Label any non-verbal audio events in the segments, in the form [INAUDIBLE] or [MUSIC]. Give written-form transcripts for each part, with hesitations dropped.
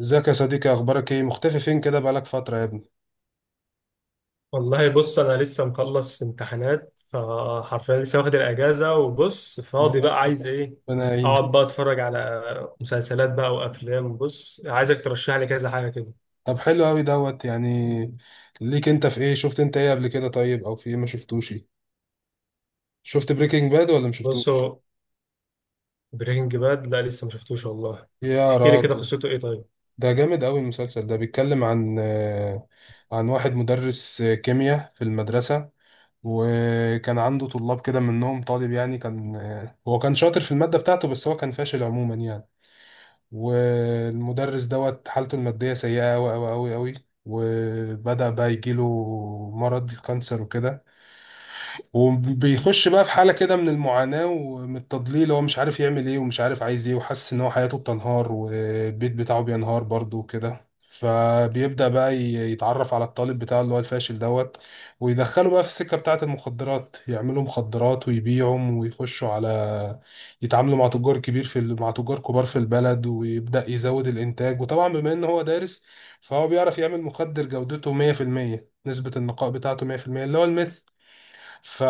ازيك يا صديقي، اخبارك ايه؟ مختفي فين كده؟ بقالك فترة يا ابني. والله بص انا لسه مخلص امتحانات فحرفيا لسه واخد الاجازه وبص فاضي لا، بقى عايز ايه. ربنا يعينك. اقعد [LAUGHS] بقى اتفرج على مسلسلات بقى وافلام. بص عايزك ترشح لي كذا حاجه كده. طب حلو قوي دوت يعني ليك انت في ايه؟ شفت انت ايه قبل كده طيب؟ او في ايه ما شفتوش ايه؟ شفت بريكنج باد ولا ما بص شفتوش؟ هو برينج باد لا لسه ما شفتوش والله. يا احكي لي كده راجل. قصته ايه طيب؟ ده جامد قوي. المسلسل ده بيتكلم عن عن واحد مدرس كيمياء في المدرسة. وكان عنده طلاب كده، منهم طالب يعني. كان هو كان شاطر في المادة بتاعته، بس هو كان فاشل عموما يعني. والمدرس دوت حالته المادية سيئة أوي أوي أوي أوي. وبدأ بقى يجيله مرض الكانسر وكده. وبيخش بقى في حالة كده من المعاناة ومن التضليل. هو مش عارف يعمل ايه ومش عارف عايز ايه، وحاسس ان هو حياته بتنهار والبيت بتاعه بينهار برضه وكده. فبيبدأ بقى يتعرف على الطالب بتاعه اللي هو الفاشل دوت. ويدخله بقى في السكة بتاعة المخدرات، يعملوا مخدرات ويبيعهم ويخشوا على يتعاملوا مع تجار كبير مع تجار كبار في البلد. ويبدأ يزود الإنتاج. وطبعا بما إن هو دارس، فهو بيعرف يعمل مخدر جودته 100%، نسبة النقاء بتاعته 100%، اللي هو الميث. ف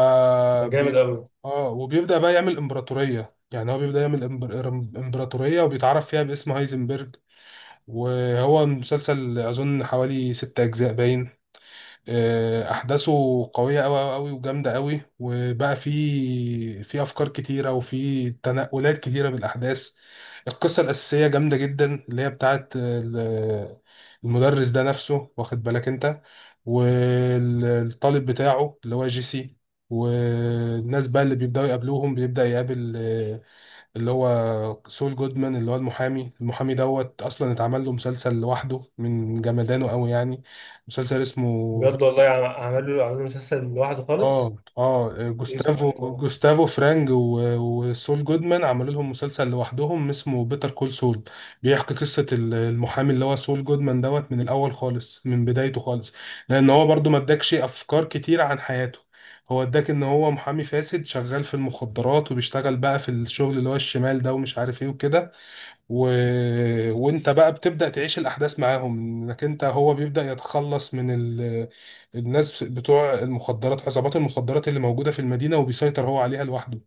ده بي... جامد قوي. اه وبيبدأ بقى يعمل امبراطورية. يعني هو بيبدأ يعمل امبراطورية، وبيتعرف فيها باسم هايزنبرج. وهو مسلسل أظن حوالي ست أجزاء باين. احداثه قويه قوي قوي وجامده قوي. وبقى في افكار كتيره وفي تنقلات كتيره بالاحداث. القصه الاساسيه جامده جدا، اللي هي المدرس ده نفسه، واخد بالك انت؟ والطالب بتاعه اللي هو جيسي. والناس بقى اللي بيبداوا يقابلوهم، بيبدا يقابل اللي هو سول جودمان اللي هو المحامي. المحامي دوت اصلا اتعمل له مسلسل لوحده من جمدانه قوي يعني. مسلسل اسمه بجد والله عملوا مسلسل لوحده خالص؟ اه اسمه جوستافو، ايه طبعا؟ جوستافو فرانج وسول جودمان عملوا لهم مسلسل لوحدهم اسمه بيتر كول سول. بيحكي قصة المحامي اللي هو سول جودمان دوت من الأول خالص، من بدايته خالص. لأن هو برضو ما اداكش أفكار كتير عن حياته. هو اداك إن هو محامي فاسد شغال في المخدرات، وبيشتغل بقى في الشغل اللي هو الشمال ده ومش عارف إيه وكده. و... وانت بقى بتبدأ تعيش الأحداث معاهم، انك انت هو بيبدأ يتخلص من الناس بتوع المخدرات، عصابات المخدرات اللي موجودة في المدينة، وبيسيطر هو عليها لوحده.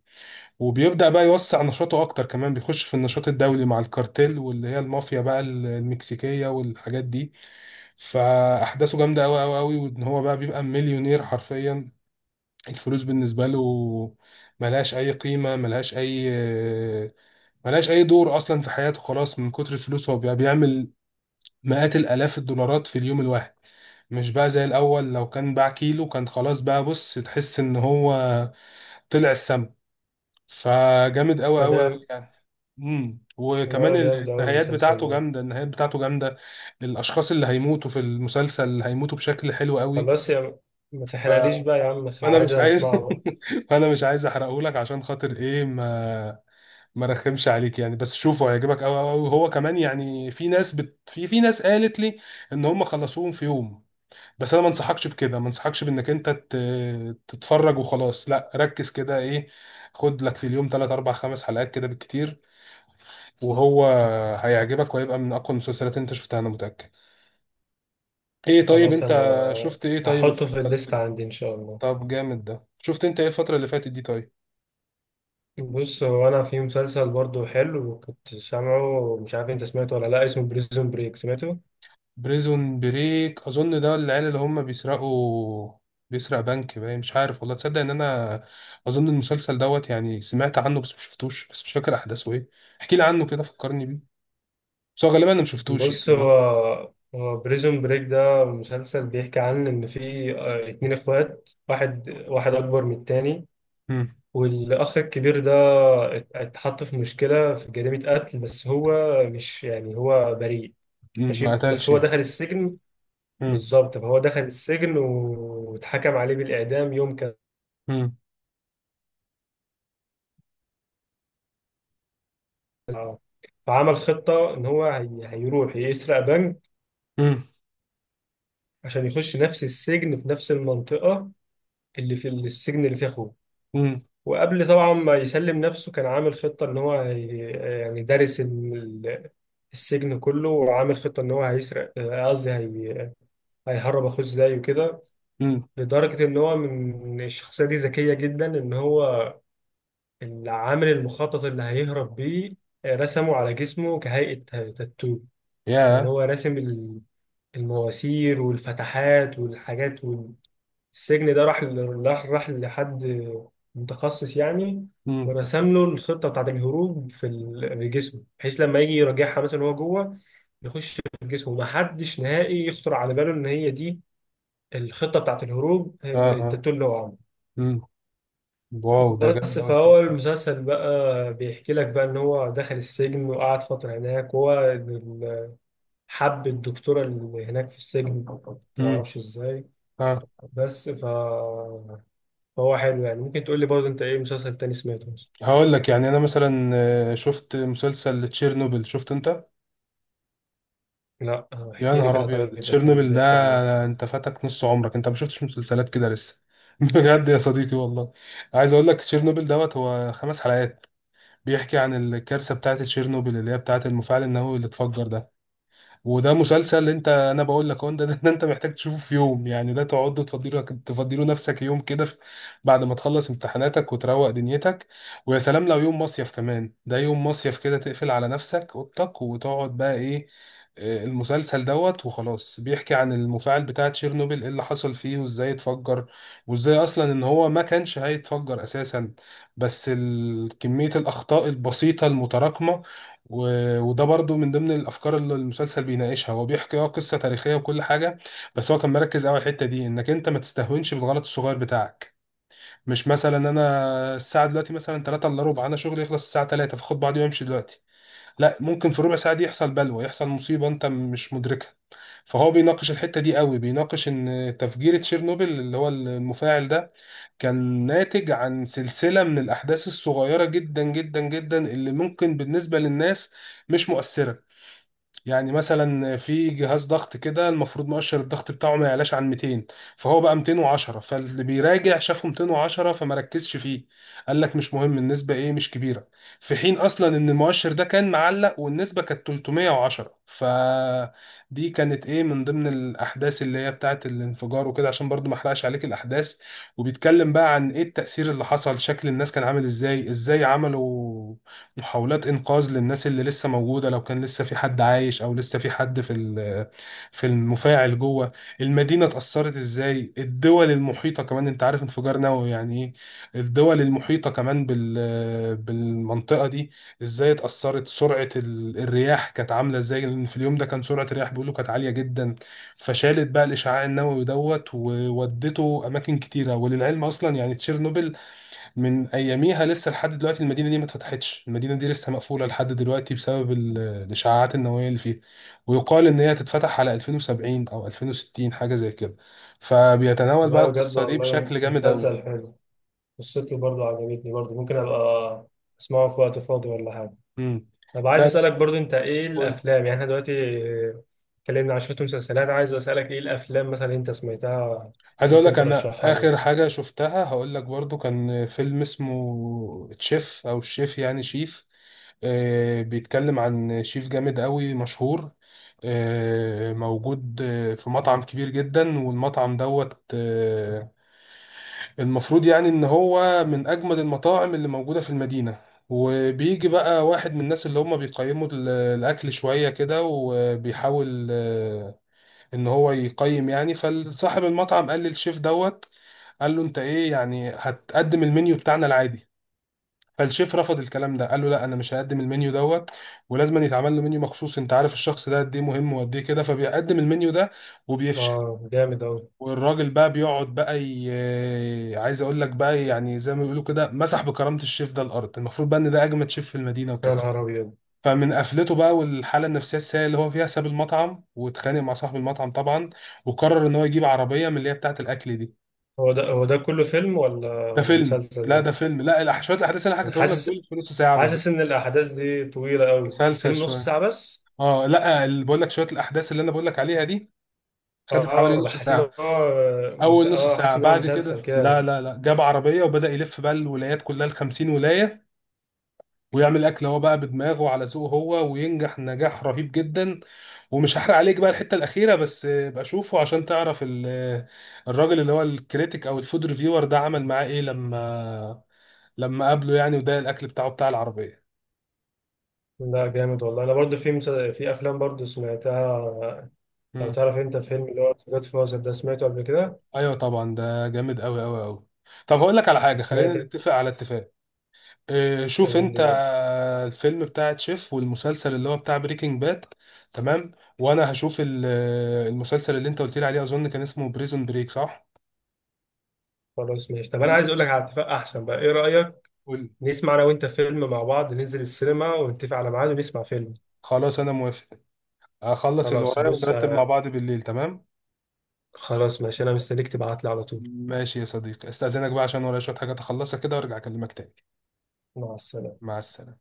وبيبدأ بقى يوسع نشاطه أكتر كمان، بيخش في النشاط الدولي مع الكارتيل، واللي هي المافيا بقى المكسيكية والحاجات دي. فأحداثه جامدة أوي أوي أوي. وإن هو بقى بيبقى مليونير حرفيا. الفلوس بالنسبة له ملهاش أي قيمة، ملهاش اي دور اصلا في حياته خلاص من كتر الفلوس. هو بقى بيعمل مئات الالاف الدولارات في اليوم الواحد، مش بقى زي الاول لو كان باع كيلو كان خلاص بقى. بص، تحس ان هو طلع السما. فجامد قوي قوي قوي فجامد. يعني. وكمان لا جامد قوي النهايات المسلسل بتاعته ده. جامده، النهايات بتاعته جامده. الاشخاص اللي هيموتوا في المسلسل هيموتوا بشكل حلو طب قوي. بس يا، ما ف... تحرقليش بقى يا عم، فانا عايز مش عايز. اسمعه بقى. [LAUGHS] فانا مش عايز احرقه لك، عشان خاطر ايه؟ ما رخمش عليك يعني. بس شوفه، هيعجبك قوي قوي هو كمان يعني. في ناس في ناس قالت لي ان هم خلصوهم في يوم. بس انا ما انصحكش بكده، ما انصحكش بانك انت تتفرج وخلاص. لا، ركز كده. ايه، خد لك في اليوم 3 4 5 حلقات كده بالكتير. وهو هيعجبك، وهيبقى من اقوى المسلسلات اللي انت شفتها، انا متأكد. ايه طيب، خلاص انت انا شفت ايه طيب؟ هحطه في الليست عندي ان شاء الله. طب جامد. ده شفت انت ايه الفترة اللي فاتت دي طيب؟ بص هو انا في مسلسل برضو حلو كنت سامعه، مش عارف انت سمعته ولا لا، اسمه بريزون بريك، سمعته؟ بريزون بريك، اظن ده العيال اللي هم بيسرقوا بيسرق بنك باين، مش عارف. والله تصدق ان انا اظن المسلسل دوت يعني سمعت عنه بس مشفتوش، بس مش فاكر احداثه ايه. احكي لي عنه كده، فكرني بيه. بس هو غالبا انا مشفتوش يعني بص انا. هو بريزون بريك ده مسلسل بيحكي عن ان في اتنين اخوات، واحد اكبر من التاني. امم. والاخ الكبير ده اتحط في مشكلة في جريمة قتل بس هو مش يعني، هو بريء. امم، ما ماشي بس قتلش هو يعني. دخل السجن. امم. بالظبط، فهو دخل السجن واتحكم عليه بالإعدام يوم. امم. اه، فعمل خطة إن هو هيروح يسرق بنك امم. عشان يخش نفس السجن في نفس المنطقة اللي في السجن اللي فيه أخوه. امم. وقبل طبعا ما يسلم نفسه كان عامل خطة إن هو يعني دارس السجن كله، وعامل خطة إن هو هيسرق، قصدي هيهرب أخوه إزاي وكده. امم. لدرجة إن هو من الشخصية دي ذكية جدا، إن هو اللي عامل المخطط اللي هيهرب بيه، رسمه على جسمه كهيئة تاتو. يعني يا. هو راسم المواسير والفتحات والحاجات. والسجن ده راح راح لحد متخصص يعني، امم. ورسم له الخطة بتاعت الهروب في في الجسم، بحيث لما يجي يراجعها مثلا وهو جوه يخش في الجسم، ومحدش نهائي يخطر على باله ان هي دي الخطة بتاعت الهروب، اه، اه. التاتو اللي هو عامله. امم. واو، ده بس جامد قوي. فهو المسلسل بقى بيحكي لك بقى ان هو دخل السجن وقعد فترة هناك، وهو حب الدكتورة اللي هناك في السجن، امم. متعرفش ازاي. اه. بس ف... فهو حلو يعني. ممكن تقول لي برضه انت ايه مسلسل تاني سمعته مثلا؟ هقول لك يعني انا مثلا شفت مسلسل تشيرنوبل، شفت انت؟ لا، يا احكي لي نهار كده ابيض، طيب، كان تشيرنوبل ده بيحكي عن ايه؟ انت فاتك نص عمرك. انت ما شفتش مسلسلات كده لسه. [LAUGHS] بجد يا صديقي والله. عايز اقول لك، تشيرنوبل دوت هو خمس حلقات بيحكي عن الكارثه بتاعه تشيرنوبل، اللي هي بتاعه المفاعل النووي اللي اتفجر ده. وده مسلسل انت انا بقول لك اهو. ده، ده انت محتاج تشوفه في يوم يعني. ده تقعد تفضيله تفضيله نفسك يوم كده بعد ما تخلص امتحاناتك وتروق دنيتك. ويا سلام لو يوم مصيف كمان. ده يوم مصيف كده تقفل على نفسك اوضتك وتقعد بقى ايه، المسلسل دوت وخلاص. بيحكي عن المفاعل بتاع تشيرنوبيل، ايه اللي حصل فيه وازاي اتفجر، وازاي اصلا ان هو ما كانش هيتفجر اساسا. بس كمية الاخطاء البسيطة المتراكمة. وده برضو من ضمن الافكار اللي المسلسل بيناقشها. هو بيحكي قصه تاريخيه وكل حاجه، بس هو كان مركز قوي على الحته دي، انك انت ما تستهونش بالغلط الصغير بتاعك. مش مثلا انا الساعه دلوقتي مثلا 3 الا ربع، انا شغلي يخلص الساعه 3، فاخد بعضي وامشي دلوقتي. لا، ممكن في ربع ساعه دي يحصل بلوى، يحصل مصيبه انت مش مدركها. فهو بيناقش الحته دي قوي. بيناقش ان تفجير تشيرنوبل اللي هو المفاعل ده كان ناتج عن سلسلة من الأحداث الصغيرة جدا جدا جدا، اللي ممكن بالنسبة للناس مش مؤثرة. يعني مثلا في جهاز ضغط كده، المفروض مؤشر الضغط بتاعه ما يعلاش عن 200، فهو بقى 210. فاللي بيراجع شافه 210 فما ركزش فيه، قال لك مش مهم النسبة، ايه مش كبيرة. في حين اصلا ان المؤشر ده كان معلق والنسبة كانت 310. فدي كانت ايه من ضمن الاحداث اللي هي بتاعت الانفجار وكده، عشان برضو ما احرقش عليك الاحداث. وبيتكلم بقى عن ايه التأثير اللي حصل، شكل الناس كان عامل ازاي، ازاي عملوا محاولات انقاذ للناس اللي لسه موجوده لو كان لسه في حد عايش، او لسه في حد في المفاعل جوه. المدينه اتاثرت ازاي، الدول المحيطه كمان، انت عارف انفجار نووي يعني ايه؟ الدول المحيطه كمان بالمنطقه دي ازاي اتاثرت. سرعه الرياح كانت عامله ازاي، لان في اليوم ده كان سرعه الرياح بيقولوا كانت عاليه جدا. فشالت بقى الاشعاع النووي دوت وودته اماكن كتيره. وللعلم اصلا يعني تشيرنوبل من اياميها لسه لحد دلوقتي المدينه دي ما اتفتحتش. المدينه دي لسه مقفوله لحد دلوقتي بسبب الاشعاعات النوويه اللي فيها. ويقال ان هي تتفتح على 2070 او 2060، حاجه زي كده. فبيتناول بقى لا بجد القصه دي والله بشكل جامد قوي. مسلسل حلو، قصته برضه عجبتني، برضه ممكن أبقى أسمعه في وقت فاضي ولا حاجة. امم. طب عايز لا لا، اسالك برضه انت ايه قول. الافلام؟ يعني احنا دلوقتي اتكلمنا عن شويه مسلسلات، عايز اسالك ايه الافلام مثلا انت سمعتها؟ عايز اقول ممكن لك انا ترشحها لي اخر بس. حاجه شفتها هقول لك برضو. كان فيلم اسمه تشيف او الشيف، يعني شيف. بيتكلم عن شيف جامد قوي مشهور، موجود في مطعم كبير جدا. والمطعم دوت المفروض يعني ان هو من اجمد المطاعم اللي موجودة في المدينة. وبيجي بقى واحد من الناس اللي هم بيقيموا الاكل شوية كده، وبيحاول ان هو يقيم يعني. فصاحب المطعم قال للشيف دوت، قال له انت ايه يعني هتقدم المنيو بتاعنا العادي. فالشيف رفض الكلام ده، قال له لا، انا مش هقدم المنيو دوت، ولازم يتعمل له منيو مخصوص. انت عارف الشخص ده قد ايه مهم وقد ايه كده. فبيقدم المنيو ده وبيفشل. آه جامد أوي. والراجل بقى بيقعد بقى ي... آه، عايز اقول لك بقى. يعني زي ما بيقولوا كده، مسح بكرامة الشيف ده الارض، المفروض بقى ان ده اجمد شيف في المدينة يا وكده. نهار ابيض! فمن قفلته بقى والحالة النفسية السيئة اللي هو فيها، ساب المطعم واتخانق مع صاحب المطعم طبعا، وقرر ان هو يجيب عربية من اللي هي بتاعة الاكل دي. هو ده، هو ده كله فيلم ولا ده ولا فيلم. مسلسل لا ده ده؟ فيلم. لا شوية الاحداث اللي انا انا حكيتهم لك دول حاسس، في نص ساعة بالظبط. حاسس ان الاحداث دي طويله قوي، مسلسل الفيلم نص شوية. ساعه بس؟ اه لا، اللي بقول لك شويه الاحداث اللي انا بقول لك عليها دي اه خدت حوالي اه، نص بحس ان ساعه. هو اول نص اه حاسس ساعه. ان هو بعد كده مسلسل لا كده. لا لا، جاب عربيه وبدا يلف بقى الولايات كلها ال 50 ولايه، ويعمل اكل هو بقى بدماغه على ذوقه هو، وينجح نجاح رهيب جدا. ومش هحرق عليك بقى الحته الاخيره، بس بقى شوفه عشان تعرف الراجل اللي هو الكريتيك او الفود ريفيور ده عمل معاه ايه لما قابله يعني. وده الاكل بتاعه بتاع العربيه. لا جامد والله. انا برضو في في افلام برضو سمعتها. لو مم. تعرف انت فيلم اللي هو جود فازر ده، سمعته قبل كده؟ ايوه طبعا، ده جامد قوي قوي قوي. طب هقول لك على حاجه، خلينا وسمعت، نتفق على اتفاق. إيه، شوف قول لي انت بس. الفيلم بتاع تشيف والمسلسل اللي هو بتاع بريكنج باد. تمام. وانا هشوف المسلسل اللي انت قلت لي عليه، اظن كان اسمه بريزون بريك، صح؟ خلاص ماشي، طب انا قول- عايز اقول لك على اتفاق احسن بقى، ايه رايك قول. نسمع انا وانت فيلم مع بعض، ننزل السينما ونتفق على ميعاد ونسمع فيلم. خلاص انا موافق. هخلص اللي خلاص ورايا بص، ونرتب مع بعض بالليل، تمام. خلاص ماشي، انا مستنيك تبعت لي على طول. ماشي يا صديقي، استاذنك بقى عشان ورايا شوية حاجات اخلصها كده وارجع اكلمك تاني. مع السلامه. مع السلامة.